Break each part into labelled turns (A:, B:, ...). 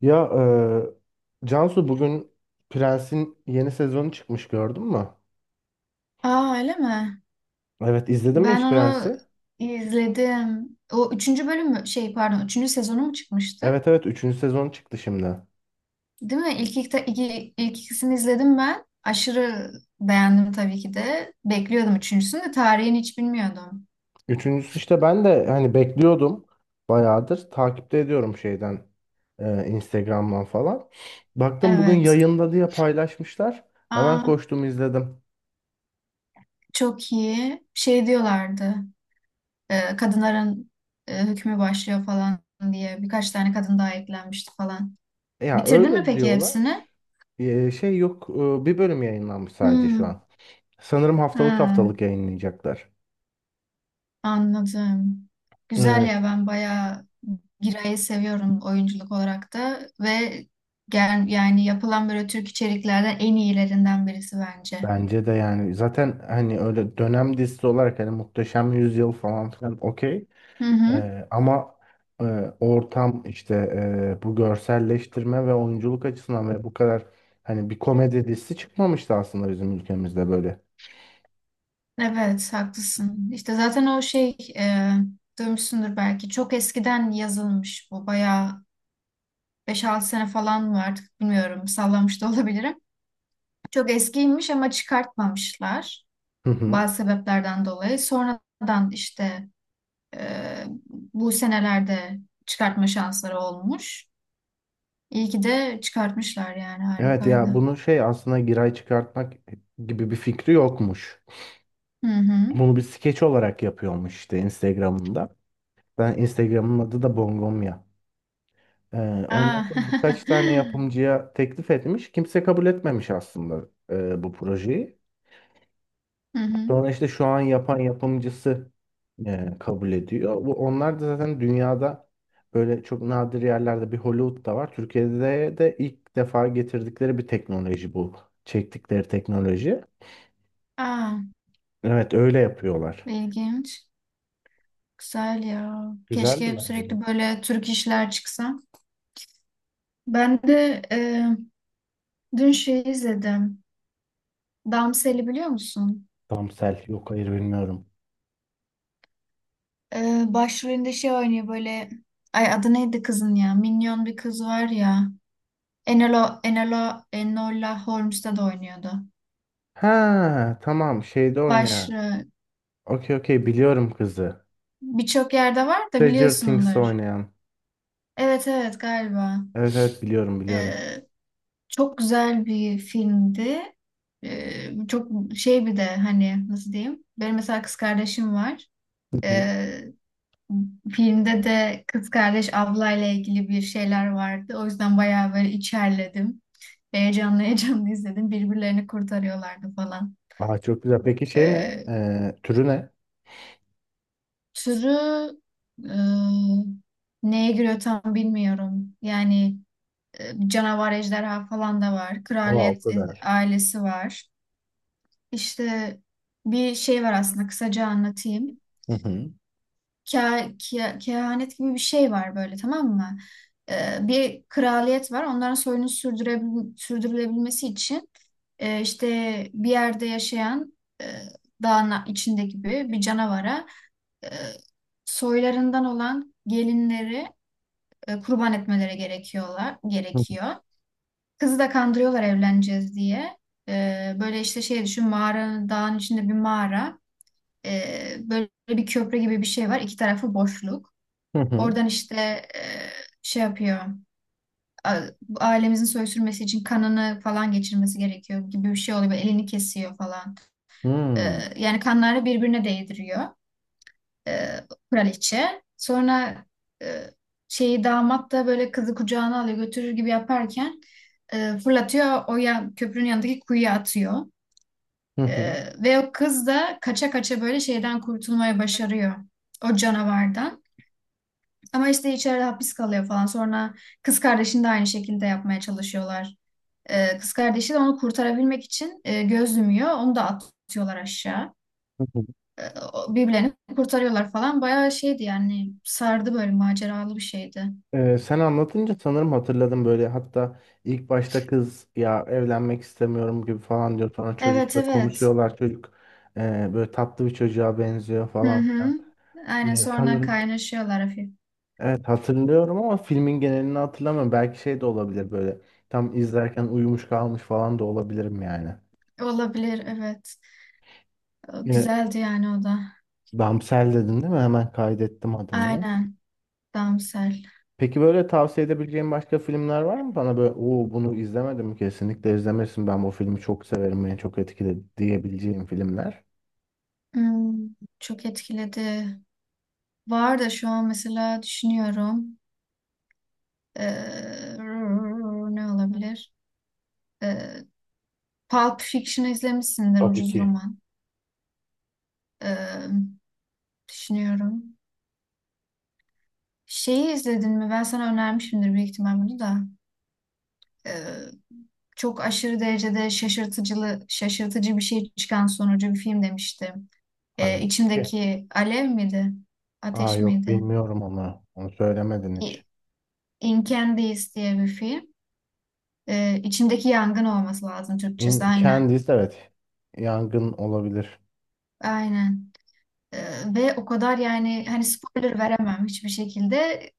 A: Ya Cansu bugün Prens'in yeni sezonu çıkmış gördün mü?
B: Aa öyle mi?
A: Evet izledin mi
B: Ben
A: hiç
B: onu
A: Prens'i?
B: izledim. O üçüncü bölüm mü? Şey pardon üçüncü sezonu mu çıkmıştı?
A: Evet, üçüncü sezon çıktı şimdi.
B: Değil mi? İlk ikisini izledim ben. Aşırı beğendim tabii ki de. Bekliyordum üçüncüsünü de tarihini hiç bilmiyordum.
A: Üçüncüsü işte ben de hani bekliyordum, bayağıdır takipte ediyorum şeyden, Instagram'dan falan. Baktım bugün
B: Evet.
A: yayında diye paylaşmışlar. Hemen
B: Aa
A: koştum izledim.
B: çok iyi. Şey diyorlardı. Kadınların hükmü başlıyor falan diye. Birkaç tane kadın daha eklenmişti falan.
A: Ya
B: Bitirdin mi
A: öyle
B: peki
A: diyorlar.
B: hepsini?
A: E, şey yok e, Bir bölüm yayınlanmış sadece şu
B: Hmm.
A: an. Sanırım haftalık
B: Ha.
A: haftalık yayınlayacaklar.
B: Anladım.
A: E,
B: Güzel ya ben bayağı Giray'ı seviyorum oyunculuk olarak da ve gel, yani yapılan böyle Türk içeriklerden en iyilerinden birisi bence.
A: Bence de, yani zaten hani öyle dönem dizisi olarak hani Muhteşem Yüzyıl falan filan okey.
B: Hı hı.
A: Ama e, ortam işte, bu görselleştirme ve oyunculuk açısından ve bu kadar hani bir komedi dizisi çıkmamıştı aslında bizim ülkemizde böyle.
B: Evet haklısın. İşte zaten o şey duymuşsundur belki çok eskiden yazılmış bu bayağı beş altı sene falan mı artık bilmiyorum sallamış da olabilirim. Çok eskiymiş ama çıkartmamışlar
A: Hı hı.
B: bazı sebeplerden dolayı. Sonradan işte Ee, bu senelerde çıkartma şansları olmuş. İyi ki de çıkartmışlar yani
A: Evet
B: harikaydı.
A: ya, bunu şey aslında giray çıkartmak gibi bir fikri yokmuş.
B: Hı hı.
A: Bunu bir skeç olarak yapıyormuş işte Instagram'ında. Ben Instagram'ın adı da Bongomya. Ee, Ondan
B: Aa.
A: sonra birkaç tane yapımcıya teklif etmiş. Kimse kabul etmemiş aslında bu projeyi.
B: Hı hı.
A: Sonra işte şu an yapan yapımcısı kabul ediyor. Bu, onlar da zaten dünyada böyle çok nadir yerlerde, bir Hollywood'da var. Türkiye'de de ilk defa getirdikleri bir teknoloji bu. Çektikleri teknoloji.
B: Aa,
A: Evet öyle yapıyorlar.
B: ilginç. Güzel ya. Keşke
A: Güzeldi
B: hep
A: bence de.
B: sürekli böyle Türk işler çıksa. Ben de dün şey izledim. Damsel'i biliyor musun?
A: Tamsel yok, hayır bilmiyorum.
B: Başrolünde şey oynuyor böyle. Ay adı neydi kızın ya? Minyon bir kız var ya. Enola, Enola, Enola Holmes'te de oynuyordu.
A: Ha tamam, şeyde oynayan.
B: Başlığı
A: Okey okey, biliyorum kızı.
B: birçok yerde var da
A: Stranger Things'te
B: biliyorsundur.
A: oynayan.
B: Evet evet galiba.
A: Evet, biliyorum.
B: Ee, Çok güzel bir filmdi. Çok şey bir de hani nasıl diyeyim? Benim mesela kız kardeşim var.
A: Hı hı.
B: Ee, Filmde de kız kardeş ablayla ilgili bir şeyler vardı. O yüzden bayağı böyle içerledim. Heyecanlı heyecanlı izledim. Birbirlerini kurtarıyorlardı falan.
A: Aa, çok güzel. Peki şey ne?
B: Ee,
A: Türü ne?
B: Türü e, neye giriyor tam bilmiyorum. Yani canavar ejderha falan da var.
A: Oha o
B: Kraliyet
A: kadar.
B: ailesi var. İşte bir şey var aslında kısaca anlatayım.
A: Hı hı.
B: Kehanet gibi bir şey var böyle tamam mı? E, bir kraliyet var. Onların soyunu sürdürülebilmesi için işte bir yerde yaşayan e, dağın içinde gibi bir canavara e, soylarından olan gelinleri kurban etmeleri
A: Hı hı.
B: gerekiyor. Kızı da kandırıyorlar evleneceğiz diye. Böyle işte şey düşün dağın içinde bir mağara. Böyle bir köprü gibi bir şey var. İki tarafı boşluk.
A: Hı hı.
B: Oradan işte e, şey yapıyor. a- Ailemizin soy sürmesi için kanını falan geçirmesi gerekiyor gibi bir şey oluyor. Böyle elini kesiyor falan. Ee,
A: Hmm.
B: Yani kanları birbirine değdiriyor e, kraliçe. Sonra e, şeyi damat da böyle kızı kucağına alıyor götürür gibi yaparken fırlatıyor köprünün yanındaki kuyuya atıyor.
A: Hı hı.
B: Ve o kız da kaça kaça böyle şeyden kurtulmaya başarıyor o canavardan. Ama işte içeride hapis kalıyor falan. Sonra kız kardeşini de aynı şekilde yapmaya çalışıyorlar. E, kız kardeşi de onu kurtarabilmek için göz yumuyor. Onu da atıyorlar aşağı
A: Hı hı.
B: birbirlerini kurtarıyorlar falan. Bayağı şeydi yani sardı böyle maceralı bir şeydi.
A: Sen anlatınca sanırım hatırladım böyle, hatta ilk başta kız ya evlenmek istemiyorum gibi falan diyor, sonra
B: Evet
A: çocukla
B: evet.
A: konuşuyorlar, çocuk böyle tatlı bir çocuğa benziyor
B: Hı
A: falan filan.
B: hı. Aynen sonra
A: Sanırım
B: kaynaşıyorlar hafif.
A: evet hatırlıyorum, ama filmin genelini hatırlamıyorum, belki şey de olabilir, böyle tam izlerken uyumuş kalmış falan da olabilirim yani.
B: Olabilir evet. O
A: Ee,
B: güzeldi yani o da.
A: Damsel dedin değil mi? Hemen kaydettim adını.
B: Aynen. Damsel.
A: Peki böyle tavsiye edebileceğin başka filmler var mı? Bana böyle, o bunu izlemedim kesinlikle izlemesin, ben bu filmi çok severim beni çok etkiledi diyebileceğim filmler.
B: Hmm, çok etkiledi. Var da şu an mesela düşünüyorum. Ee, Ne olabilir? Ee, Pulp Fiction izlemişsindir
A: Tabii
B: ucuz
A: ki.
B: roman. Ee, Düşünüyorum. Şeyi izledin mi? Ben sana önermişimdir büyük ihtimal bunu da. Ee, Çok aşırı derecede şaşırtıcı bir şey çıkan sonucu bir film demiştim.
A: Hani, evet.
B: İçimdeki alev miydi?
A: Aa
B: Ateş
A: yok
B: miydi?
A: bilmiyorum onu. Onu söylemedin hiç.
B: İ- In diye bir film. İçimdeki yangın olması lazım Türkçesi.
A: In,
B: Aynen.
A: Candice evet. Yangın olabilir.
B: Aynen. Ve o kadar yani hani spoiler veremem hiçbir şekilde.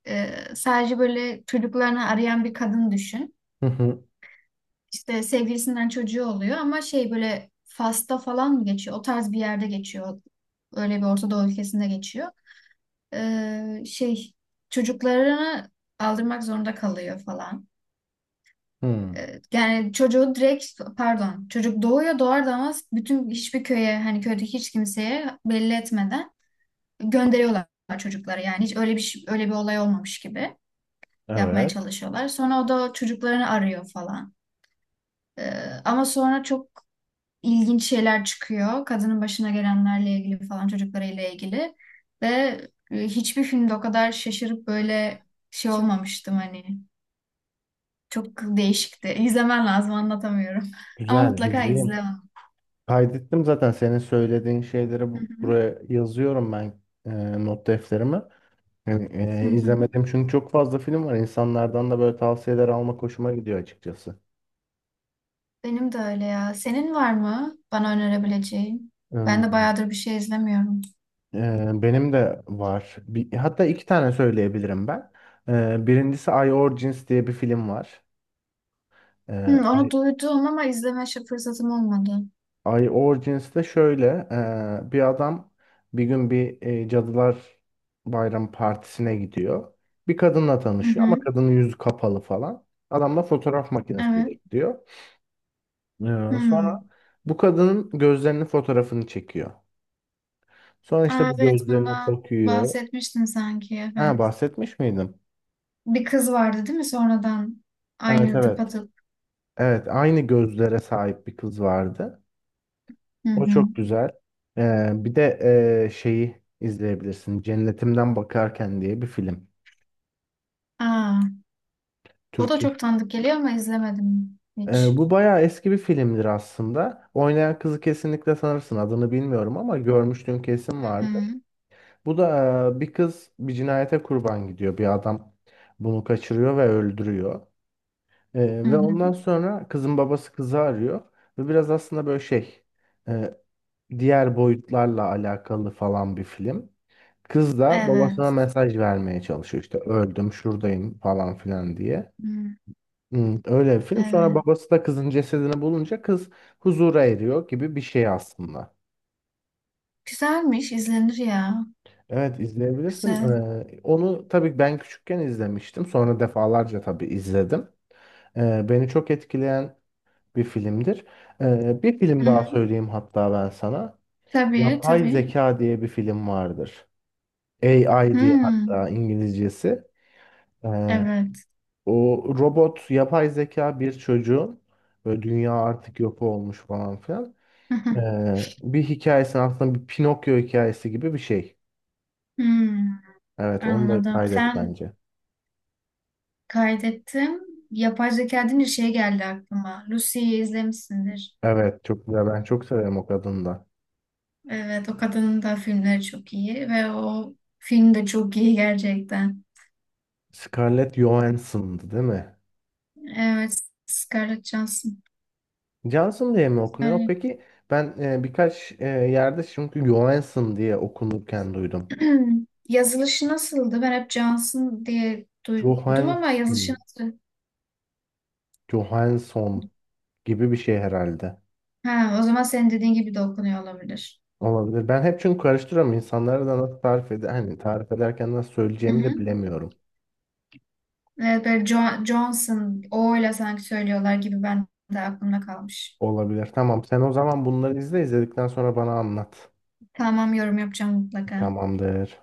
B: Sadece böyle çocuklarını arayan bir kadın düşün.
A: Hı hı.
B: İşte sevgilisinden çocuğu oluyor ama şey böyle Fas'ta falan mı geçiyor? O tarz bir yerde geçiyor. Öyle bir Orta Doğu ülkesinde geçiyor. Şey çocuklarını aldırmak zorunda kalıyor falan.
A: Hmm,
B: Yani çocuğu direkt pardon çocuk doğuyor doğar doğmaz bütün hiçbir köye hani köydeki hiç kimseye belli etmeden gönderiyorlar çocukları. Yani hiç öyle bir olay olmamış gibi yapmaya
A: evet.
B: çalışıyorlar. Sonra o da çocuklarını arıyor falan. Ee, Ama sonra çok ilginç şeyler çıkıyor. Kadının başına gelenlerle ilgili falan çocuklarıyla ilgili. Ve hiçbir filmde o kadar şaşırıp böyle şey olmamıştım hani. Çok değişikti. İzlemen lazım anlatamıyorum. Ama
A: Güzel,
B: mutlaka
A: izleyeyim.
B: izle onu.
A: Kaydettim zaten senin söylediğin şeyleri,
B: Hı
A: buraya yazıyorum ben, not defterime. Yani,
B: hı, hı hı.
A: izlemedim çünkü çok fazla film var. İnsanlardan da böyle tavsiyeler almak hoşuma gidiyor açıkçası.
B: Benim de öyle ya. Senin var mı bana önerebileceğin? Ben de
A: Hmm,
B: bayağıdır bir şey izlemiyorum.
A: benim de var. Bir, hatta iki tane söyleyebilirim ben. E, birincisi I Origins diye bir film var. E,
B: Hı, onu
A: I,
B: duydum ama fırsatım olmadı.
A: I Origins de şöyle, bir adam bir gün bir Cadılar Bayram partisine gidiyor. Bir kadınla
B: Hı
A: tanışıyor ama
B: hı,
A: kadının yüzü kapalı falan. Adam da fotoğraf
B: evet.
A: makinesiyle gidiyor. Ya,
B: Hı.
A: sonra bu kadının gözlerinin fotoğrafını çekiyor. Sonra işte
B: Aa,
A: bu
B: evet
A: gözlerine
B: bundan
A: bakıyor.
B: bahsetmiştin sanki
A: Ha
B: evet.
A: bahsetmiş miydim?
B: Bir kız vardı değil mi sonradan?
A: Evet
B: Aynı
A: evet.
B: tıpatıp.
A: Evet aynı gözlere sahip bir kız vardı.
B: Hı
A: O
B: hı.
A: çok güzel. Bir de şeyi izleyebilirsin. Cennetimden Bakarken diye bir film.
B: Aa, o da
A: Türkçe.
B: çok tanıdık geliyor ama izlemedim hiç.
A: Bu bayağı eski bir filmdir aslında. Oynayan kızı kesinlikle sanırsın. Adını bilmiyorum ama görmüştüm, kesin
B: Hı
A: vardı.
B: hı.
A: Bu da bir kız bir cinayete kurban gidiyor. Bir adam bunu kaçırıyor ve öldürüyor.
B: Hı
A: Ve
B: hı.
A: ondan sonra kızın babası kızı arıyor. Ve biraz aslında böyle şey, e, diğer boyutlarla alakalı falan bir film. Kız da babasına
B: Evet.
A: mesaj vermeye çalışıyor. İşte öldüm şuradayım falan filan diye.
B: Hı,
A: Hmm, öyle bir film. Sonra
B: evet.
A: babası da kızın cesedini bulunca kız huzura eriyor gibi bir şey aslında.
B: Güzelmiş, izlenir ya.
A: Evet izleyebilirsin.
B: Güzel.
A: Onu tabii ben küçükken izlemiştim. Sonra defalarca tabii izledim. Beni çok etkileyen bir filmdir. Bir film
B: Hı
A: daha
B: hı.
A: söyleyeyim hatta ben sana.
B: Tabii,
A: Yapay
B: tabii.
A: Zeka diye bir film vardır. AI
B: Hı,
A: diye hatta İngilizcesi. Ee,
B: evet.
A: O robot yapay zeka bir çocuğun, böyle dünya artık yok olmuş falan filan.
B: Hı hı.
A: Bir hikayesi, aslında bir Pinokyo hikayesi gibi bir şey.
B: Hı,
A: Evet onu da
B: anladım.
A: kaydet
B: Sen
A: bence.
B: kaydettim. Yapay zeka deyince şey geldi aklıma. Lucy'yi izlemişsindir.
A: Evet çok güzel. Ben çok severim o kadını da.
B: Evet, o kadının da filmleri çok iyi ve o film de çok iyi gerçekten.
A: Scarlett Johansson'dı değil mi?
B: Evet, Scarlett Johansson.
A: Johnson diye mi okunuyor?
B: Yani
A: Peki ben birkaç yerde çünkü Johansson diye okunurken duydum.
B: yazılışı nasıldı? Ben hep Johnson diye duydum ama yazılışı
A: Johansson,
B: nasıl?
A: Johansson gibi bir şey herhalde.
B: Ha, o zaman senin dediğin gibi de okunuyor olabilir.
A: Olabilir. Ben hep çünkü karıştırıyorum. İnsanlara da nasıl tarif eder, hani tarif ederken nasıl
B: Hı
A: söyleyeceğimi de
B: hı.
A: bilemiyorum.
B: Evet, böyle Johnson, O ile sanki söylüyorlar gibi ben de aklımda kalmış.
A: Olabilir. Tamam. Sen o zaman bunları izle, izledikten sonra bana anlat.
B: Tamam, yorum yapacağım mutlaka.
A: Tamamdır.